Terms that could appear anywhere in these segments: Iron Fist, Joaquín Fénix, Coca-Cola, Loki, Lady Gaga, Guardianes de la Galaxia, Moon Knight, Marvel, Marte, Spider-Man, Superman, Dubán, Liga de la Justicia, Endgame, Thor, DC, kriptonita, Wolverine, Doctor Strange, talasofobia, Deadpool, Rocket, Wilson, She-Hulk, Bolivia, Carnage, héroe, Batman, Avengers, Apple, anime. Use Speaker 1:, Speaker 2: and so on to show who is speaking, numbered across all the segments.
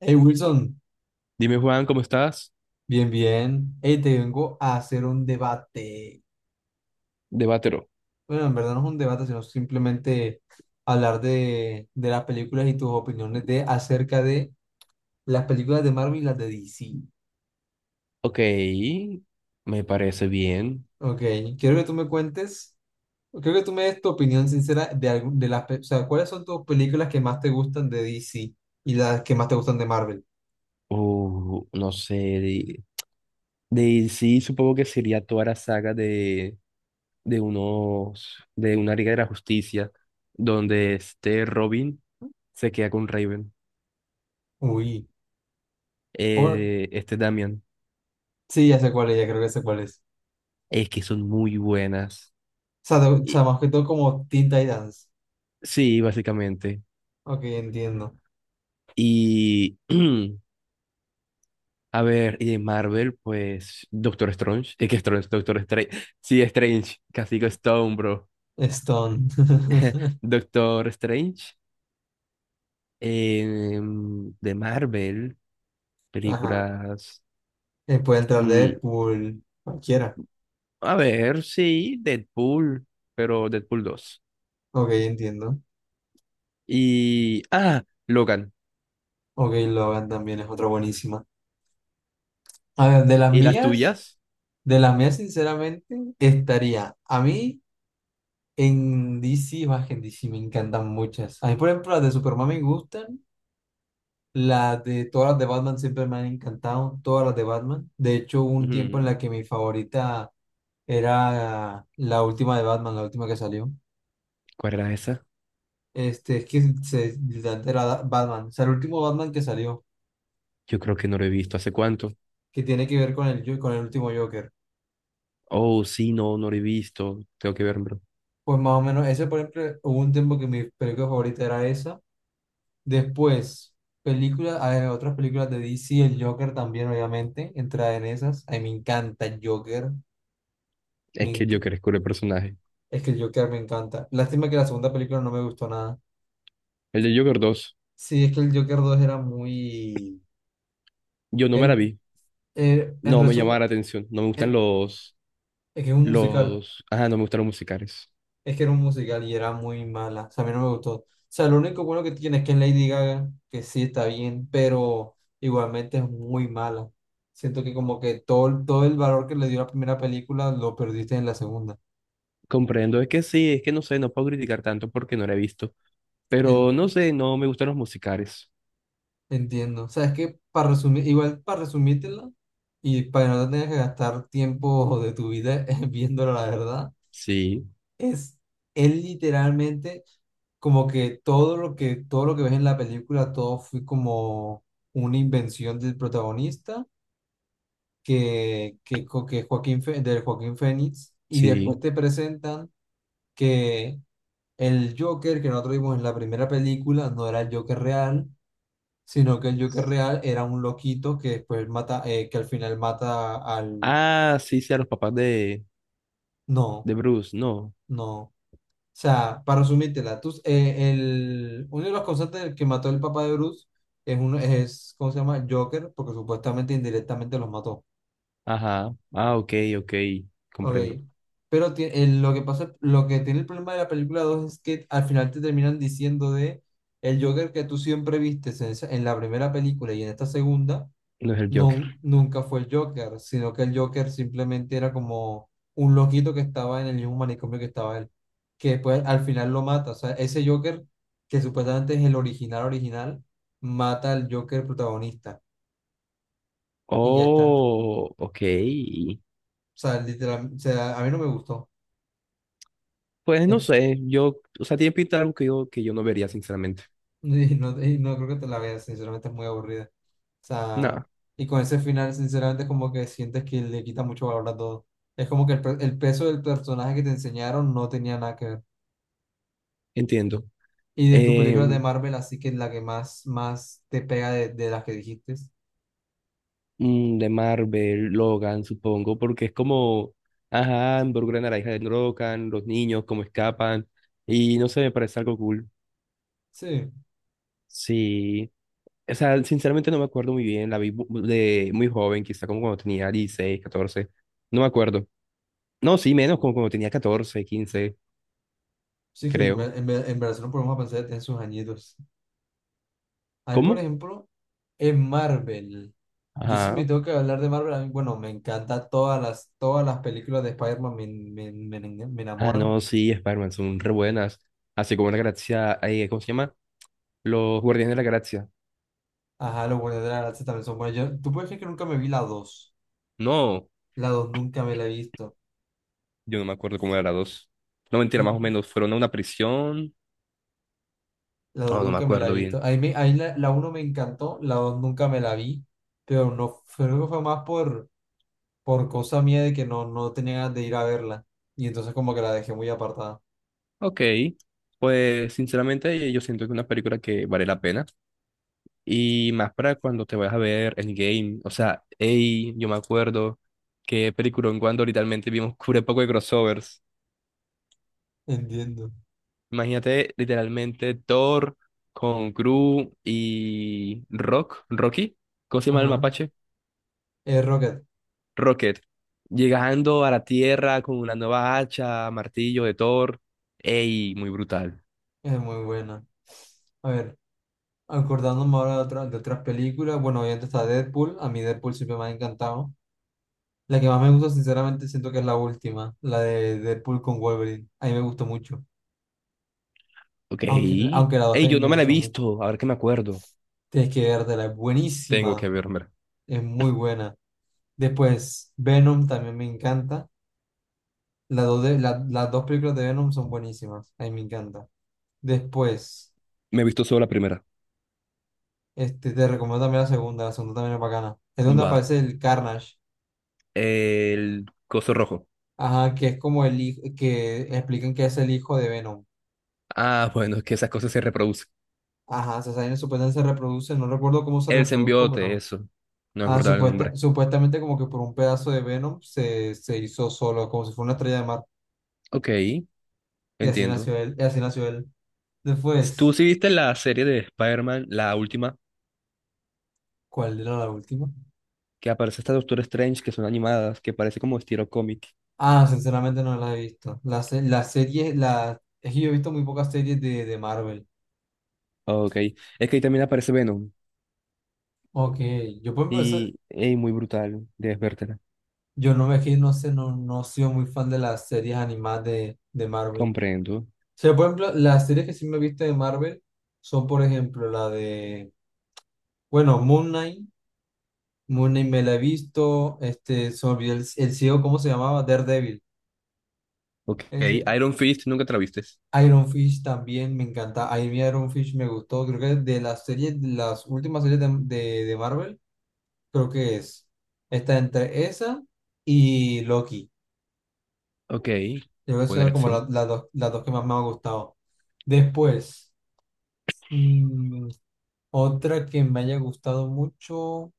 Speaker 1: Hey Wilson,
Speaker 2: Dime, Juan, ¿cómo estás?
Speaker 1: bien, bien. Hey, te vengo a hacer un debate.
Speaker 2: Debátelo.
Speaker 1: Bueno, en verdad no es un debate, sino simplemente hablar de las películas y tus opiniones de, acerca de las películas de Marvel y las de DC.
Speaker 2: Ok, me parece bien.
Speaker 1: Ok, quiero que tú me cuentes, creo que tú me des tu opinión sincera de, o sea, ¿cuáles son tus películas que más te gustan de DC y las que más te gustan de Marvel?
Speaker 2: No sé. Sí, supongo que sería toda la saga de unos. De una Liga de la Justicia, donde este Robin se queda con Raven.
Speaker 1: Uy, oh,
Speaker 2: Este Damian.
Speaker 1: sí, ya sé cuál es, ya creo que sé cuál es.
Speaker 2: Es que son muy buenas.
Speaker 1: O sea, o
Speaker 2: Y-
Speaker 1: sea, más que todo como Teen Titans.
Speaker 2: sí, básicamente.
Speaker 1: Ok, entiendo.
Speaker 2: Y. A ver, y de Marvel, pues Doctor Strange, y qué Strange, Doctor Strange, sí, Strange, Casi Castigo Stone, bro.
Speaker 1: Stone.
Speaker 2: Doctor Strange, eh, de Marvel,
Speaker 1: Ajá.
Speaker 2: películas,
Speaker 1: Puede entrar
Speaker 2: mm,
Speaker 1: Deadpool, cualquiera.
Speaker 2: a ver, sí, Deadpool, pero Deadpool 2.
Speaker 1: Ok, entiendo.
Speaker 2: Y, ah, Logan.
Speaker 1: Ok, Logan también es otra buenísima. A ver,
Speaker 2: ¿Y las tuyas?
Speaker 1: de las mías, sinceramente, estaría. A mí en DC, más que en DC, me encantan muchas. A mí, por ejemplo, las de Superman me gustan. Las de todas las de Batman siempre me han encantado. Todas las de Batman. De hecho, hubo un tiempo en
Speaker 2: Ujú.
Speaker 1: la que mi favorita era la última de Batman, la última que salió.
Speaker 2: ¿Cuál era esa?
Speaker 1: Este, es que se, literalmente era Batman. O sea, el último Batman que salió,
Speaker 2: Yo creo que no lo he visto, ¿hace cuánto?
Speaker 1: que tiene que ver con el, con el último Joker.
Speaker 2: Oh, sí, no, no lo he visto, tengo que ver, bro.
Speaker 1: Pues más o menos, ese por ejemplo, hubo un tiempo que mi película favorita era esa. Después, películas, hay otras películas de DC, el Joker también, obviamente, entra en esas. A mí me encanta el Joker, me
Speaker 2: Es que
Speaker 1: enc-
Speaker 2: Joker es cool el personaje.
Speaker 1: es que el Joker me encanta. Lástima que la segunda película no me gustó nada.
Speaker 2: El de Joker 2
Speaker 1: Sí, es que el Joker 2 era muy...
Speaker 2: yo no me la
Speaker 1: El,
Speaker 2: vi.
Speaker 1: en
Speaker 2: No me llamaba
Speaker 1: resumen,
Speaker 2: la atención. No me gustan
Speaker 1: el- es que es un musical.
Speaker 2: los, ajá, no me gustan los musicales.
Speaker 1: Es que era un musical y era muy mala. O sea, a mí no me gustó. O sea, lo único bueno que tiene es que es Lady Gaga, que sí está bien, pero igualmente es muy mala. Siento que como que todo, todo el valor que le dio la primera película lo perdiste en la segunda.
Speaker 2: Comprendo, es que sí, es que no sé, no puedo criticar tanto porque no la he visto. Pero no
Speaker 1: En-
Speaker 2: sé, no me gustan los musicales.
Speaker 1: entiendo. O sea, es que para resumir, igual para resumírtela y para que no te tengas que gastar tiempo de tu vida viéndola, la verdad,
Speaker 2: Sí,
Speaker 1: es, él literalmente, como que todo lo que, todo lo que ves en la película, todo fue como una invención del protagonista, que Joaquín, del Joaquín Fénix, y después
Speaker 2: sí.
Speaker 1: te presentan que el Joker que nosotros vimos en la primera película no era el Joker real, sino que el Joker real era un loquito que después mata, que al final mata al...
Speaker 2: Ah, sí, sí, a los papás
Speaker 1: No,
Speaker 2: de Bruce, no.
Speaker 1: no. O sea, para resumírtela, tú, el, uno de los causantes del que mató el papá de Bruce es, uno, es, ¿cómo se llama? Joker, porque supuestamente indirectamente los mató.
Speaker 2: Ajá. Ah, ok, ok.
Speaker 1: Ok.
Speaker 2: Comprendo.
Speaker 1: Pero lo que pasa, lo que tiene el problema de la película 2 es que al final te terminan diciendo de el Joker que tú siempre viste en, en la primera película y en esta segunda
Speaker 2: No es el Joker.
Speaker 1: nunca fue el Joker, sino que el Joker simplemente era como un loquito que estaba en el mismo manicomio que estaba él, que pues al final lo mata. O sea, ese Joker, que supuestamente es el original original, mata al Joker protagonista y ya está.
Speaker 2: Oh, ok.
Speaker 1: O sea, literal, o sea, a mí no me gustó.
Speaker 2: Pues no
Speaker 1: Eh,
Speaker 2: sé, tiene pinta de algo que yo no vería, sinceramente.
Speaker 1: Y no creo que te la veas, sinceramente es muy aburrida. O sea,
Speaker 2: Nada,
Speaker 1: y con ese final, sinceramente, como que sientes que le quita mucho valor a todo. Es como que el, el peso del personaje que te enseñaron no tenía nada que ver.
Speaker 2: entiendo.
Speaker 1: Y de tus
Speaker 2: Eh,
Speaker 1: películas de Marvel, así que la que más, más te pega de las que dijiste.
Speaker 2: de Marvel, Logan, supongo, porque es como, ajá, involucra a naranja de Logan, los niños, cómo escapan, y no sé, me parece algo cool.
Speaker 1: Sí,
Speaker 2: Sí, o sea, sinceramente no me acuerdo muy bien, la vi de muy joven, quizá como cuando tenía 16 14, no me acuerdo. No, sí, menos como cuando tenía 14 15,
Speaker 1: sí que
Speaker 2: creo.
Speaker 1: en verdad no podemos pensar en sus añitos. Ahí, por
Speaker 2: ¿Cómo?
Speaker 1: ejemplo, en Marvel. Yo sí me
Speaker 2: Ajá.
Speaker 1: tengo que hablar de Marvel. A mí, bueno, me encantan todas las películas de Spider-Man, me
Speaker 2: Ah,
Speaker 1: enamoran.
Speaker 2: no, sí, Spider-Man son re buenas, así como la galaxia, ¿cómo se llama? Los Guardianes de la Galaxia.
Speaker 1: Ajá, los Guardianes de la Galaxia también son buenos. Tú puedes creer que nunca me vi la dos.
Speaker 2: No.
Speaker 1: La 2 nunca me la he visto.
Speaker 2: Yo no me acuerdo cómo era la dos. No, mentira, más o
Speaker 1: N-
Speaker 2: menos. Fueron a una prisión.
Speaker 1: La 2
Speaker 2: No, no me
Speaker 1: nunca me la he
Speaker 2: acuerdo
Speaker 1: visto.
Speaker 2: bien.
Speaker 1: Ahí, me, ahí la, la uno me encantó, la 2 nunca me la vi. Pero no, creo que fue más por cosa mía de que no, no tenía ganas de ir a verla. Y entonces como que la dejé muy apartada.
Speaker 2: Ok. Pues, sinceramente, yo siento que es una película que vale la pena. Y más para cuando te vayas a ver Endgame. O sea, hey, yo me acuerdo que película en cuando literalmente vimos un poco de crossovers.
Speaker 1: Entiendo.
Speaker 2: Imagínate, literalmente, Thor con Gru y Rocky. ¿Cómo se llama el
Speaker 1: Ajá.
Speaker 2: mapache?
Speaker 1: Es Rocket.
Speaker 2: Rocket llegando a la Tierra con una nueva hacha, martillo de Thor. Ey, muy brutal.
Speaker 1: Es muy buena. A ver, acordándome ahora de, de otras películas. Bueno, obviamente está Deadpool. A mí Deadpool siempre me ha encantado. La que más me gusta, sinceramente, siento que es la última. La de Deadpool con Wolverine. A mí me gustó mucho.
Speaker 2: Ok.
Speaker 1: Aunque la dos
Speaker 2: Ey,
Speaker 1: también
Speaker 2: yo no
Speaker 1: me
Speaker 2: me la he
Speaker 1: gusta mucho.
Speaker 2: visto, a ver qué me acuerdo.
Speaker 1: Tienes que vértela. Es
Speaker 2: Tengo
Speaker 1: buenísima.
Speaker 2: que verme.
Speaker 1: Es muy buena. Después, Venom también me encanta. Las dos, las dos películas de Venom son buenísimas. A mí me encanta. Después,
Speaker 2: Me he visto solo la primera.
Speaker 1: este, te recomiendo también la segunda. La segunda también es bacana. Es donde
Speaker 2: Va.
Speaker 1: aparece el Carnage.
Speaker 2: El coso rojo.
Speaker 1: Ajá, que es como el hijo, que explican que es el hijo de Venom.
Speaker 2: Ah, bueno, es que esas cosas se reproducen.
Speaker 1: Ajá, se salen, supuestamente se reproduce. No recuerdo cómo se
Speaker 2: El
Speaker 1: reprodujo,
Speaker 2: simbionte,
Speaker 1: pero.
Speaker 2: eso. No me
Speaker 1: Ah,
Speaker 2: acordaba el
Speaker 1: supuesta,
Speaker 2: nombre.
Speaker 1: supuestamente como que por un pedazo de Venom se, se hizo solo, como si fuera una estrella de mar.
Speaker 2: Ok,
Speaker 1: Y así
Speaker 2: entiendo.
Speaker 1: nació él. Y así nació él.
Speaker 2: ¿Tú
Speaker 1: Después,
Speaker 2: sí viste la serie de Spider-Man, la última,
Speaker 1: ¿cuál era la última?
Speaker 2: que aparece esta Doctor Strange, que son animadas, que parece como estilo cómic?
Speaker 1: Ah, sinceramente no la he visto. La, la serie, la, es que yo he visto muy pocas series de Marvel.
Speaker 2: Ok. Es que ahí también aparece Venom.
Speaker 1: Ok, yo por ejemplo,
Speaker 2: Y, ey, muy brutal, debes vértela.
Speaker 1: yo no me es que no sé, no, no he sido muy fan de las series animadas de Marvel. O
Speaker 2: Comprendo.
Speaker 1: sea, por ejemplo, las series que sí me he visto de Marvel son, por ejemplo, la de, bueno, Moon Knight. Moon Knight me la he visto, este, se me olvidó el ciego, ¿cómo se llamaba? Daredevil.
Speaker 2: Ok,
Speaker 1: Ese.
Speaker 2: Iron Fist, nunca te la vistes.
Speaker 1: Iron Fish también me encanta. A mí Iron Fish me gustó. Creo que de las series, de las últimas series de Marvel, creo que es. Está entre esa y Loki.
Speaker 2: Ok.
Speaker 1: Yo creo que
Speaker 2: Buena
Speaker 1: son como
Speaker 2: elección.
Speaker 1: las dos que más me han gustado. Después, mm, otra que me haya gustado mucho,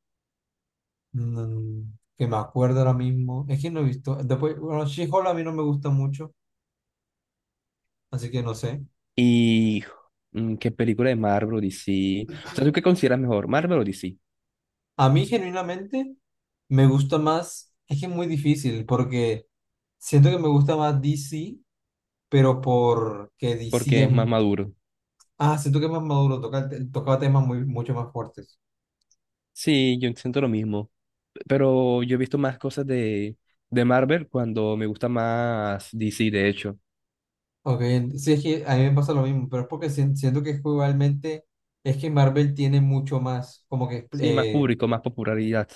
Speaker 1: mm, que me acuerdo ahora mismo, es que no he visto. Después, bueno, She-Hulk a mí no me gusta mucho, así que no sé.
Speaker 2: ¿Y qué película de Marvel o DC? O sea, ¿tú qué consideras mejor, Marvel o DC?
Speaker 1: A mí genuinamente me gusta más, es que es muy difícil porque siento que me gusta más DC, pero porque DC
Speaker 2: Porque
Speaker 1: es.
Speaker 2: es más maduro.
Speaker 1: Ah, siento que es más maduro, toca, tocaba temas muy, mucho más fuertes.
Speaker 2: Sí, yo siento lo mismo. Pero yo he visto más cosas de Marvel cuando me gusta más DC, de hecho.
Speaker 1: Ok, sí, es que a mí me pasa lo mismo, pero es porque siento que es que igualmente, es que Marvel tiene mucho más, como que,
Speaker 2: Sí, más público, más popularidad.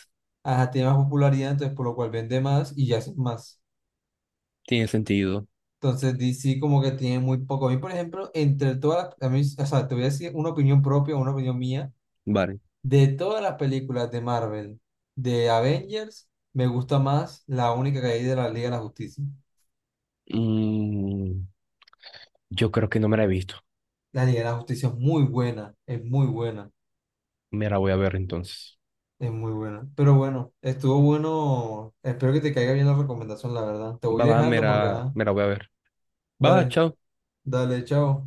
Speaker 1: ajá, tiene más popularidad, entonces por lo cual vende más y ya hace más.
Speaker 2: Tiene sentido.
Speaker 1: Entonces DC como que tiene muy poco. A mí, por ejemplo, entre todas las, a mí, o sea, te voy a decir una opinión propia, una opinión mía,
Speaker 2: Vale.
Speaker 1: de todas las películas de Marvel, de Avengers, me gusta más la única que hay de la Liga de la Justicia.
Speaker 2: Mm, yo creo que no me la he visto.
Speaker 1: La Liga de la Justicia es muy buena, es muy buena,
Speaker 2: Me la voy a ver entonces.
Speaker 1: es muy buena. Pero bueno, estuvo bueno. Espero que te caiga bien la recomendación, la verdad. Te voy
Speaker 2: Va, va,
Speaker 1: dejando porque, ajá,
Speaker 2: me la voy a ver. Va, va,
Speaker 1: dale,
Speaker 2: chao.
Speaker 1: dale, chao.